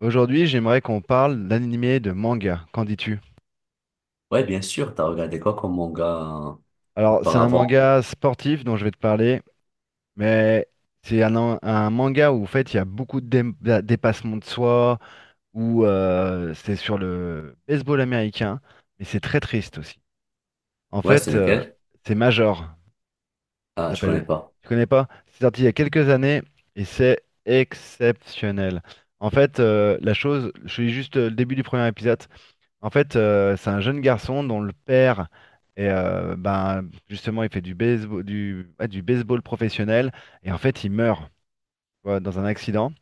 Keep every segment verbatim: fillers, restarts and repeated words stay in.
Aujourd'hui, j'aimerais qu'on parle d'animé de manga. Qu'en dis-tu? Ouais, bien sûr, t'as regardé quoi comme manga euh, Alors, c'est un auparavant? manga sportif dont je vais te parler, mais c'est un, an- un manga où en fait il y a beaucoup de dé- dé- dépassement de soi, où euh, c'est sur le baseball américain, mais c'est très triste aussi. En Ouais, c'est fait, euh, lequel? c'est Major. Ah, Ça je s'appelle. connais pas. Tu connais pas? C'est sorti il y a quelques années et c'est exceptionnel. En fait, euh, la chose, je suis juste euh, le début du premier épisode. En fait, euh, c'est un jeune garçon dont le père est, euh, ben, justement, il fait du baseball, du, ouais, du baseball professionnel et en fait, il meurt tu vois, dans un accident.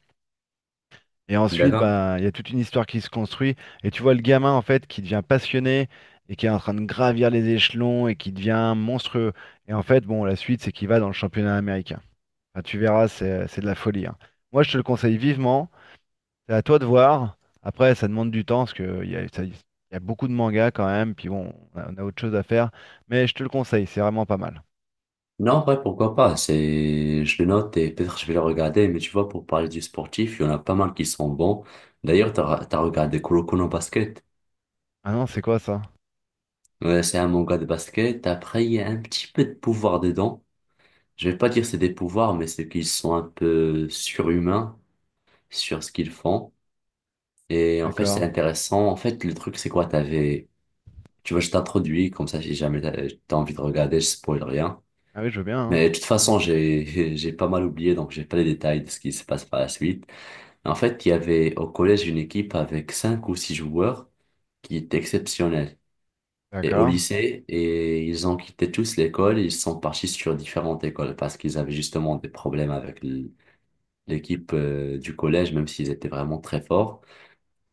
Et ensuite, D'accord. ben, il y a toute une histoire qui se construit et tu vois le gamin en fait qui devient passionné et qui est en train de gravir les échelons et qui devient monstrueux. Et en fait, bon, la suite, c'est qu'il va dans le championnat américain. Enfin, tu verras, c'est c'est de la folie. Hein. Moi, je te le conseille vivement. C'est à toi de voir. Après, ça demande du temps parce qu'il y a, ça- il y a beaucoup de mangas quand même. Puis bon, on a, on a autre chose à faire. Mais je te le conseille, c'est vraiment pas mal. Non, ouais, pourquoi pas? C'est, je le note et peut-être je vais le regarder, mais tu vois, pour parler du sportif, il y en a pas mal qui sont bons. D'ailleurs, t'as, t'as regardé Kuroko no Basket. Ah non, c'est quoi ça? Ouais, c'est un manga de basket. Après, il y a un petit peu de pouvoir dedans. Je vais pas dire c'est des pouvoirs, mais c'est qu'ils sont un peu surhumains sur ce qu'ils font. Et en fait, c'est D'accord. intéressant. En fait, le truc, c'est quoi? T'avais Tu vois, je t'introduis, comme ça, si jamais t'as t'as envie de regarder, je spoil rien. Ah oui, je veux bien. Hein. Mais de toute façon, j'ai, j'ai pas mal oublié, donc j'ai pas les détails de ce qui se passe par la suite. En fait, il y avait au collège une équipe avec cinq ou six joueurs qui étaient exceptionnelle. Et au D'accord. lycée, et ils ont quitté tous l'école, ils sont partis sur différentes écoles parce qu'ils avaient justement des problèmes avec l- l'équipe euh, du collège, même s'ils étaient vraiment très forts.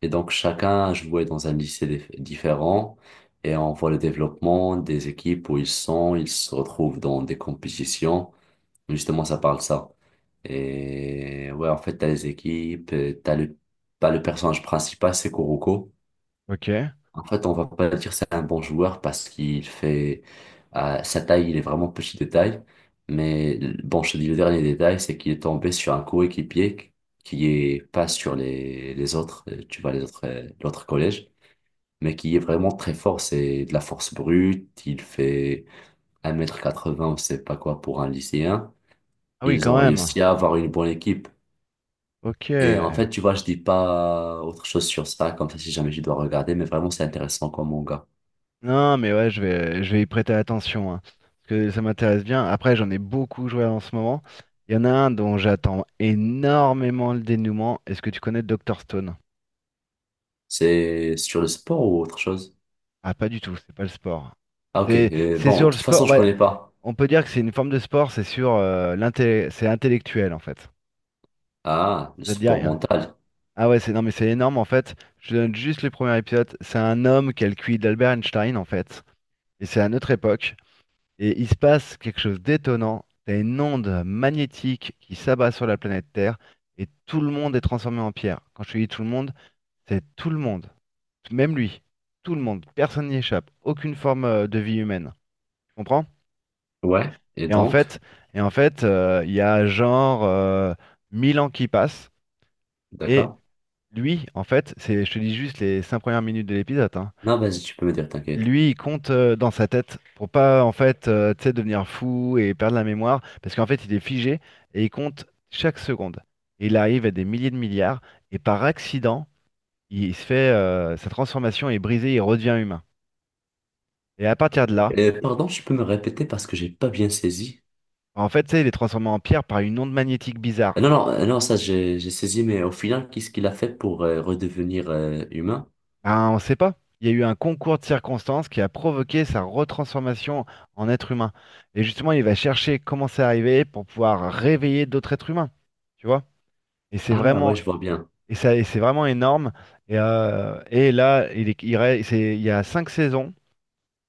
Et donc chacun jouait dans un lycée dif- différent et on voit le développement des équipes où ils sont, ils se retrouvent dans des compétitions. Justement, ça parle ça. Et ouais, en fait, t'as les équipes, euh, t'as le, pas le personnage principal, c'est Kuroko. Ok. En fait, on va pas dire c'est un bon joueur parce qu'il fait euh, sa taille, il est vraiment petit de taille. Mais bon, je te dis le dernier détail, c'est qu'il est tombé sur un coéquipier qui est pas sur les, les autres, euh, tu vois, les autres, euh, l'autre collège, mais qui est vraiment très fort. C'est de la force brute. Il fait un mètre quatre quatre-vingts, on sait pas quoi pour un lycéen. Ah oui, Ils quand ont même. réussi à avoir une bonne équipe. Ok. Et en fait, tu vois, je dis pas autre chose sur ça, comme ça, si jamais tu dois regarder, mais vraiment, c'est intéressant comme manga. Non, mais ouais, je vais, je vais y prêter attention. Hein, parce que ça m'intéresse bien. Après, j'en ai beaucoup joué en ce moment. Il y en a un dont j'attends énormément le dénouement. Est-ce que tu connais Dr Stone? C'est sur le sport ou autre chose? Ah, pas du tout, c'est pas le sport. Ah, ok. C'est Euh, c'est Bon, sur de le toute façon, sport. je Ouais, connais pas. on peut dire que c'est une forme de sport, c'est sur euh, l'intellect, c'est intellectuel en fait. Ah, le Ça te dit sport rien. mental. Ah ouais, c'est non mais c'est énorme en fait. Je te donne juste les premiers épisodes. C'est un homme qui a le Q I d'Albert Einstein en fait, et c'est à notre époque. Et il se passe quelque chose d'étonnant. T'as une onde magnétique qui s'abat sur la planète Terre et tout le monde est transformé en pierre. Quand je te dis tout le monde, c'est tout le monde, même lui, tout le monde. Personne n'y échappe. Aucune forme euh, de vie humaine. Tu comprends? Ouais. Et Et en donc, fait, et en fait, euh, il y a genre euh, mille ans qui passent. Et d'accord. lui, en fait, c'est, je te dis juste les cinq premières minutes de l'épisode. Hein. Non, vas-y, tu peux me dire, t'inquiète. Lui, il compte euh, dans sa tête pour pas en fait, euh, tu sais, devenir fou et perdre la mémoire, parce qu'en fait, il est figé et il compte chaque seconde. Et il arrive à des milliers de milliards. Et par accident, il se fait euh, sa transformation est brisée, il redevient humain. Et à partir de là, Euh, pardon, tu peux me répéter parce que j'ai pas bien saisi. en fait, tu sais, il est transformé en pierre par une onde magnétique Euh, Non, bizarre. non, euh, non, ça, j'ai j'ai saisi, mais au final, qu'est-ce qu'il a fait pour euh, redevenir euh, humain? Ben, on ne sait pas. Il y a eu un concours de circonstances qui a provoqué sa retransformation en être humain. Et justement, il va chercher comment c'est arrivé pour pouvoir réveiller d'autres êtres humains. Tu vois? Et c'est Ah, ouais, vraiment, je vois bien. et ça, et c'est vraiment énorme. Et, euh, et là, il est- il reste- c'est- il y a cinq saisons.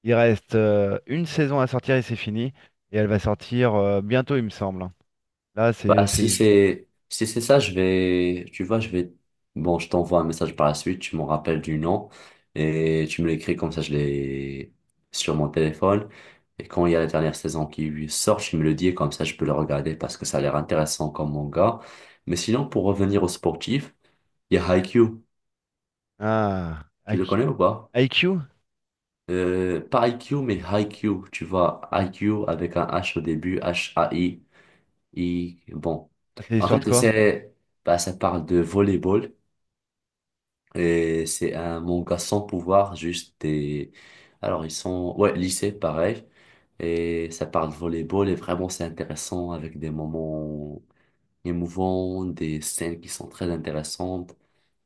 Il reste euh, une saison à sortir et c'est fini. Et elle va sortir euh, bientôt, il me semble. Hein. Là, c'est, Bah, c'est, si ju- c'est si c'est ça, je vais, tu vois, je vais, bon, je t'envoie un message par la suite, tu m'en rappelles du nom et tu me l'écris comme ça, je l'ai sur mon téléphone. Et quand il y a la dernière saison qui sort, tu me le dis et comme ça, je peux le regarder parce que ça a l'air intéressant comme manga. Mais sinon, pour revenir au sportif, il y a Haikyuu. ah, Tu le I Q? connais ou pas? I Q? Euh, pas Haikyuu, mais Haikyuu. Tu vois, Haikyuu avec un H au début, H-A-I. Et bon, Ah, c'est en sorti fait, quoi? c'est, bah, ça parle de volleyball et c'est un manga sans pouvoir, juste des. Alors, ils sont, ouais, lycée, pareil. Et ça parle de volleyball et vraiment, c'est intéressant avec des moments émouvants, des scènes qui sont très intéressantes.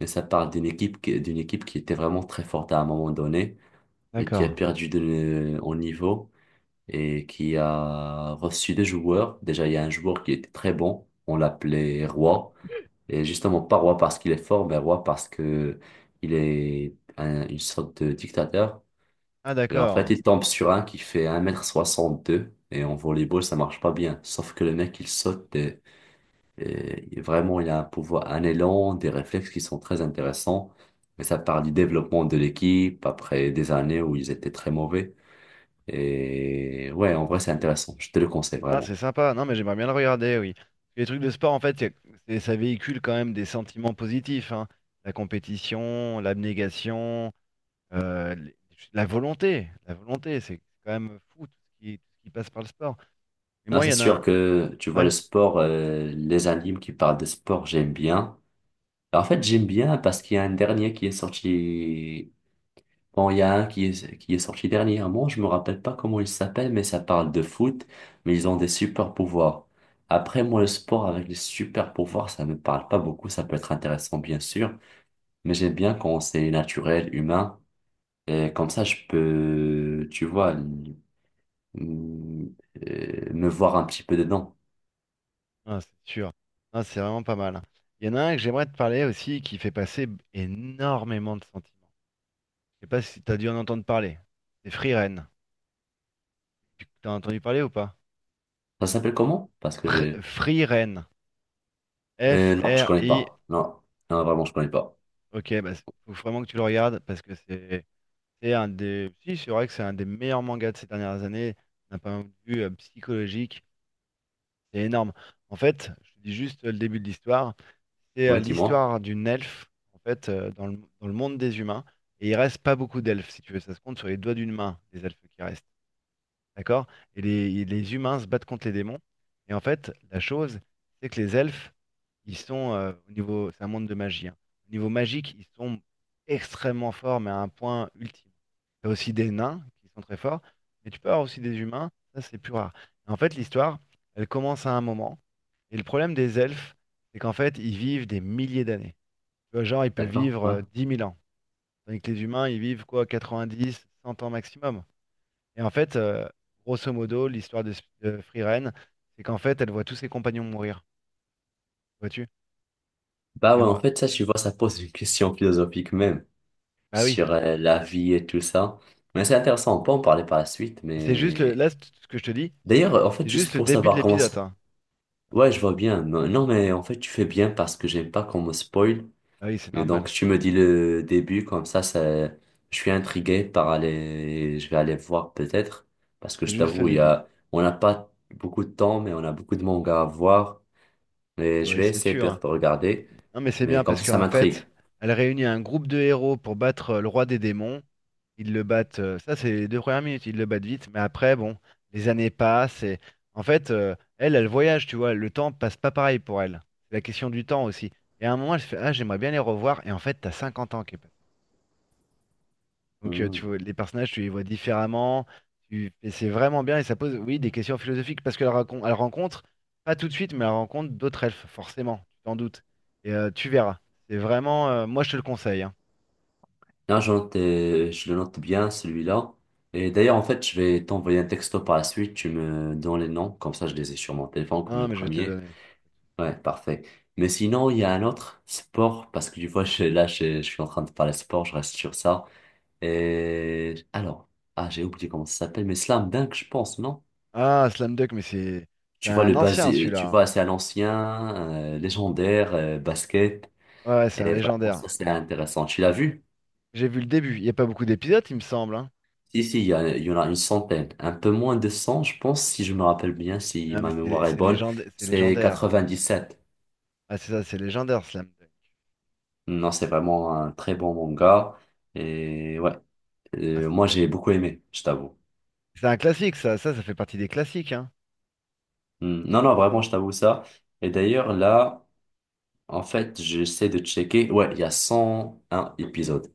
Et ça parle d'une équipe, qui- d'une équipe qui était vraiment très forte à un moment donné et qui a D'accord. perdu de, en niveau et qui a reçu des joueurs. Déjà, il y a un joueur qui était très bon, on l'appelait Roi, et justement pas Roi parce qu'il est fort, mais Roi parce que il est un- une sorte de dictateur. Ah, Et en fait, d'accord. il tombe sur un qui fait un mètre soixante-deux, et en volleyball, ça marche pas bien. Sauf que le mec, il saute, et, et vraiment, il a un pouvoir, un élan, des réflexes qui sont très intéressants. Mais ça part du développement de l'équipe après des années où ils étaient très mauvais. Et ouais, en vrai, c'est intéressant. Je te le conseille Ah, vraiment. c'est sympa. Non, mais j'aimerais bien le regarder, oui. Les trucs de sport, en fait, c'est, c'est- ça véhicule quand même des sentiments positifs, hein. La compétition, l'abnégation, euh, les- la volonté. La volonté, c'est quand même fou tout ce qui, tout ce qui passe par le sport. Mais Là, moi, il c'est y en a sûr un. que tu vois le Ouais, sport, euh, les animes qui parlent de sport, j'aime bien. En fait, j'aime bien parce qu'il y a un dernier qui est sorti. Bon, il y a un qui est, qui est sorti dernièrement. Je me rappelle pas comment il s'appelle, mais ça parle de foot. Mais ils ont des super pouvoirs. Après, moi, le sport avec les super pouvoirs, ça me parle pas beaucoup. Ça peut être intéressant, bien sûr. Mais j'aime bien quand c'est naturel, humain. Et comme ça, je peux, tu vois. hum, euh, Me voir un petit peu dedans. non, c'est sûr. Non, c'est vraiment pas mal. Hein. Il y en a un que j'aimerais te parler aussi qui fait passer énormément de sentiments. Je sais pas si tu as dû en entendre parler. C'est Free Ren. Tu as entendu parler ou pas? Ça s'appelle comment? Parce que Fr- j'ai... Free Ren. Euh, non, je connais F R I. pas. Non, non, vraiment, je connais pas. Ok, bah, c- faut vraiment que tu le regardes parce que c'est c'est un des. Si, c'est vrai que c'est un des meilleurs mangas de ces dernières années, d'un point de vue euh, psychologique. C'est énorme. En fait, je te dis juste euh, le début de l'histoire. C'est euh, Ouais, dis-moi. l'histoire d'une elfe, en fait, euh, dans le, dans le monde des humains. Et il reste pas beaucoup d'elfes, si tu veux. Ça se compte sur les doigts d'une main, les elfes qui restent. D'accord? Et les, les humains se battent contre les démons. Et en fait, la chose, c'est que les elfes, ils sont euh, au niveau, c'est un monde de magie. Hein. Au niveau magique, ils sont extrêmement forts, mais à un point ultime. T'as aussi des nains qui sont très forts, mais tu peux avoir aussi des humains, ça c'est plus rare. En fait, l'histoire, elle commence à un moment, et le problème des elfes, c'est qu'en fait, ils vivent des milliers d'années. Tu vois, genre, ils peuvent D'accord, vivre ouais. euh, dix mille ans, tandis que les humains, ils vivent quoi, Quatre-vingt-dix, cent ans maximum. Et en fait, euh, grosso modo, l'histoire de, Sp- de Free Ren, c'est qu'en fait, elle voit tous ses compagnons mourir, vois-tu? Bah Et ouais, en- en fait, ça, tu vois, ça pose une question philosophique même Bah oui. sur euh, la vie et tout ça. Mais c'est intéressant, on peut en parler par la suite, Et c'est juste le... mais... là, c- ce que je te dis, c'est D'ailleurs, en c'est fait, juste juste le pour début de savoir comment l'épisode. ça... Hein. Ouais, je vois bien. Non, mais en fait, tu fais bien parce que j'aime pas qu'on me spoil Ah oui, c'est et donc, normal. tu me dis le début, comme ça, ça, je suis intrigué par aller, je vais aller voir peut-être, parce que C'est je juste le t'avoue, il y début. a, on n'a pas beaucoup de temps, mais on a beaucoup de mangas à voir, et Ah je oui, vais c'est essayer sûr. Hein. peut-être de regarder, Non, mais c'est bien mais comme parce ça, ça qu'en m'intrigue. fait, elle réunit un groupe de héros pour battre euh, le roi des démons. Ils le battent, euh, ça c'est les deux premières minutes, ils le battent vite, mais après, bon, les années passent et en fait, euh, elle, elle voyage, tu vois, le temps passe pas pareil pour elle. C'est la question du temps aussi. Et à un moment, elle se fait, ah, j'aimerais bien les revoir, et en fait, t'as cinquante ans qui est donc, euh, tu Hmm. vois, les personnages, tu les vois différemment. Tu... Et c'est vraiment bien. Et ça pose, oui, des questions philosophiques. Parce qu'elle racon- elle rencontre, pas tout de suite, mais elle rencontre d'autres elfes, forcément. Tu t'en doutes. Et euh, tu verras. C'est vraiment. euh, moi, je te le conseille. Hein. Là, je note, euh, je le note bien, celui-là. Et d'ailleurs, en fait, je vais t'envoyer un texto par la suite, tu me donnes les noms, comme ça, je les ai sur mon téléphone, comme Ah, le mais je vais te le premier. donner. Ouais, parfait. Mais sinon, il y a un autre sport, parce que tu vois, je, là, je, je suis en train de parler sport, je reste sur ça. Et alors, ah, j'ai oublié comment ça s'appelle, mais Slam Dunk, je pense, non? Ah, Slam Dunk, mais c'est c'est Tu vois, un le ancien, basi- celui-là. tu Hein. vois, c'est un ancien, euh, légendaire, euh, basket. Ouais, ouais, c'est un Et vraiment, légendaire. ça, c'est intéressant. Tu l'as vu? J'ai vu le début. Il n'y a pas beaucoup d'épisodes, il me semble. Hein. Si, si, il y, a- il y en a une centaine. Un peu moins de cent je pense, si je me rappelle bien, si Ah, mais ma c'est mémoire est c'est bonne. légenda- c'est C'est légendaire. quatre-vingt-dix-sept. Ah, c'est ça, c'est légendaire, Slam Dunk. Non, c'est vraiment un très bon manga. Et ouais. Ah, Euh, moi, c'est j'ai beaucoup aimé, je t'avoue. c'est un classique, ça. Ça, ça fait partie des classiques. Hein. Hmm. Non, non, vraiment, je t'avoue ça. Et d'ailleurs, là, en fait, j'essaie de checker. Ouais, il y a cent un épisodes.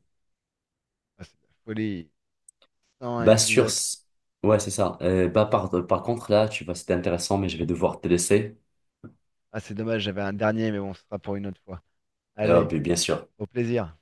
Ah, c'est de la folie. cent un Bah, sur... épisodes. ce- Ouais, c'est ça. Euh, bah, par, par contre, là, tu vois, c'était intéressant, mais je vais devoir te laisser. Ah, c'est dommage, j'avais un dernier, mais bon, ce sera pour une autre fois. Euh, Allez, Bien sûr. au plaisir.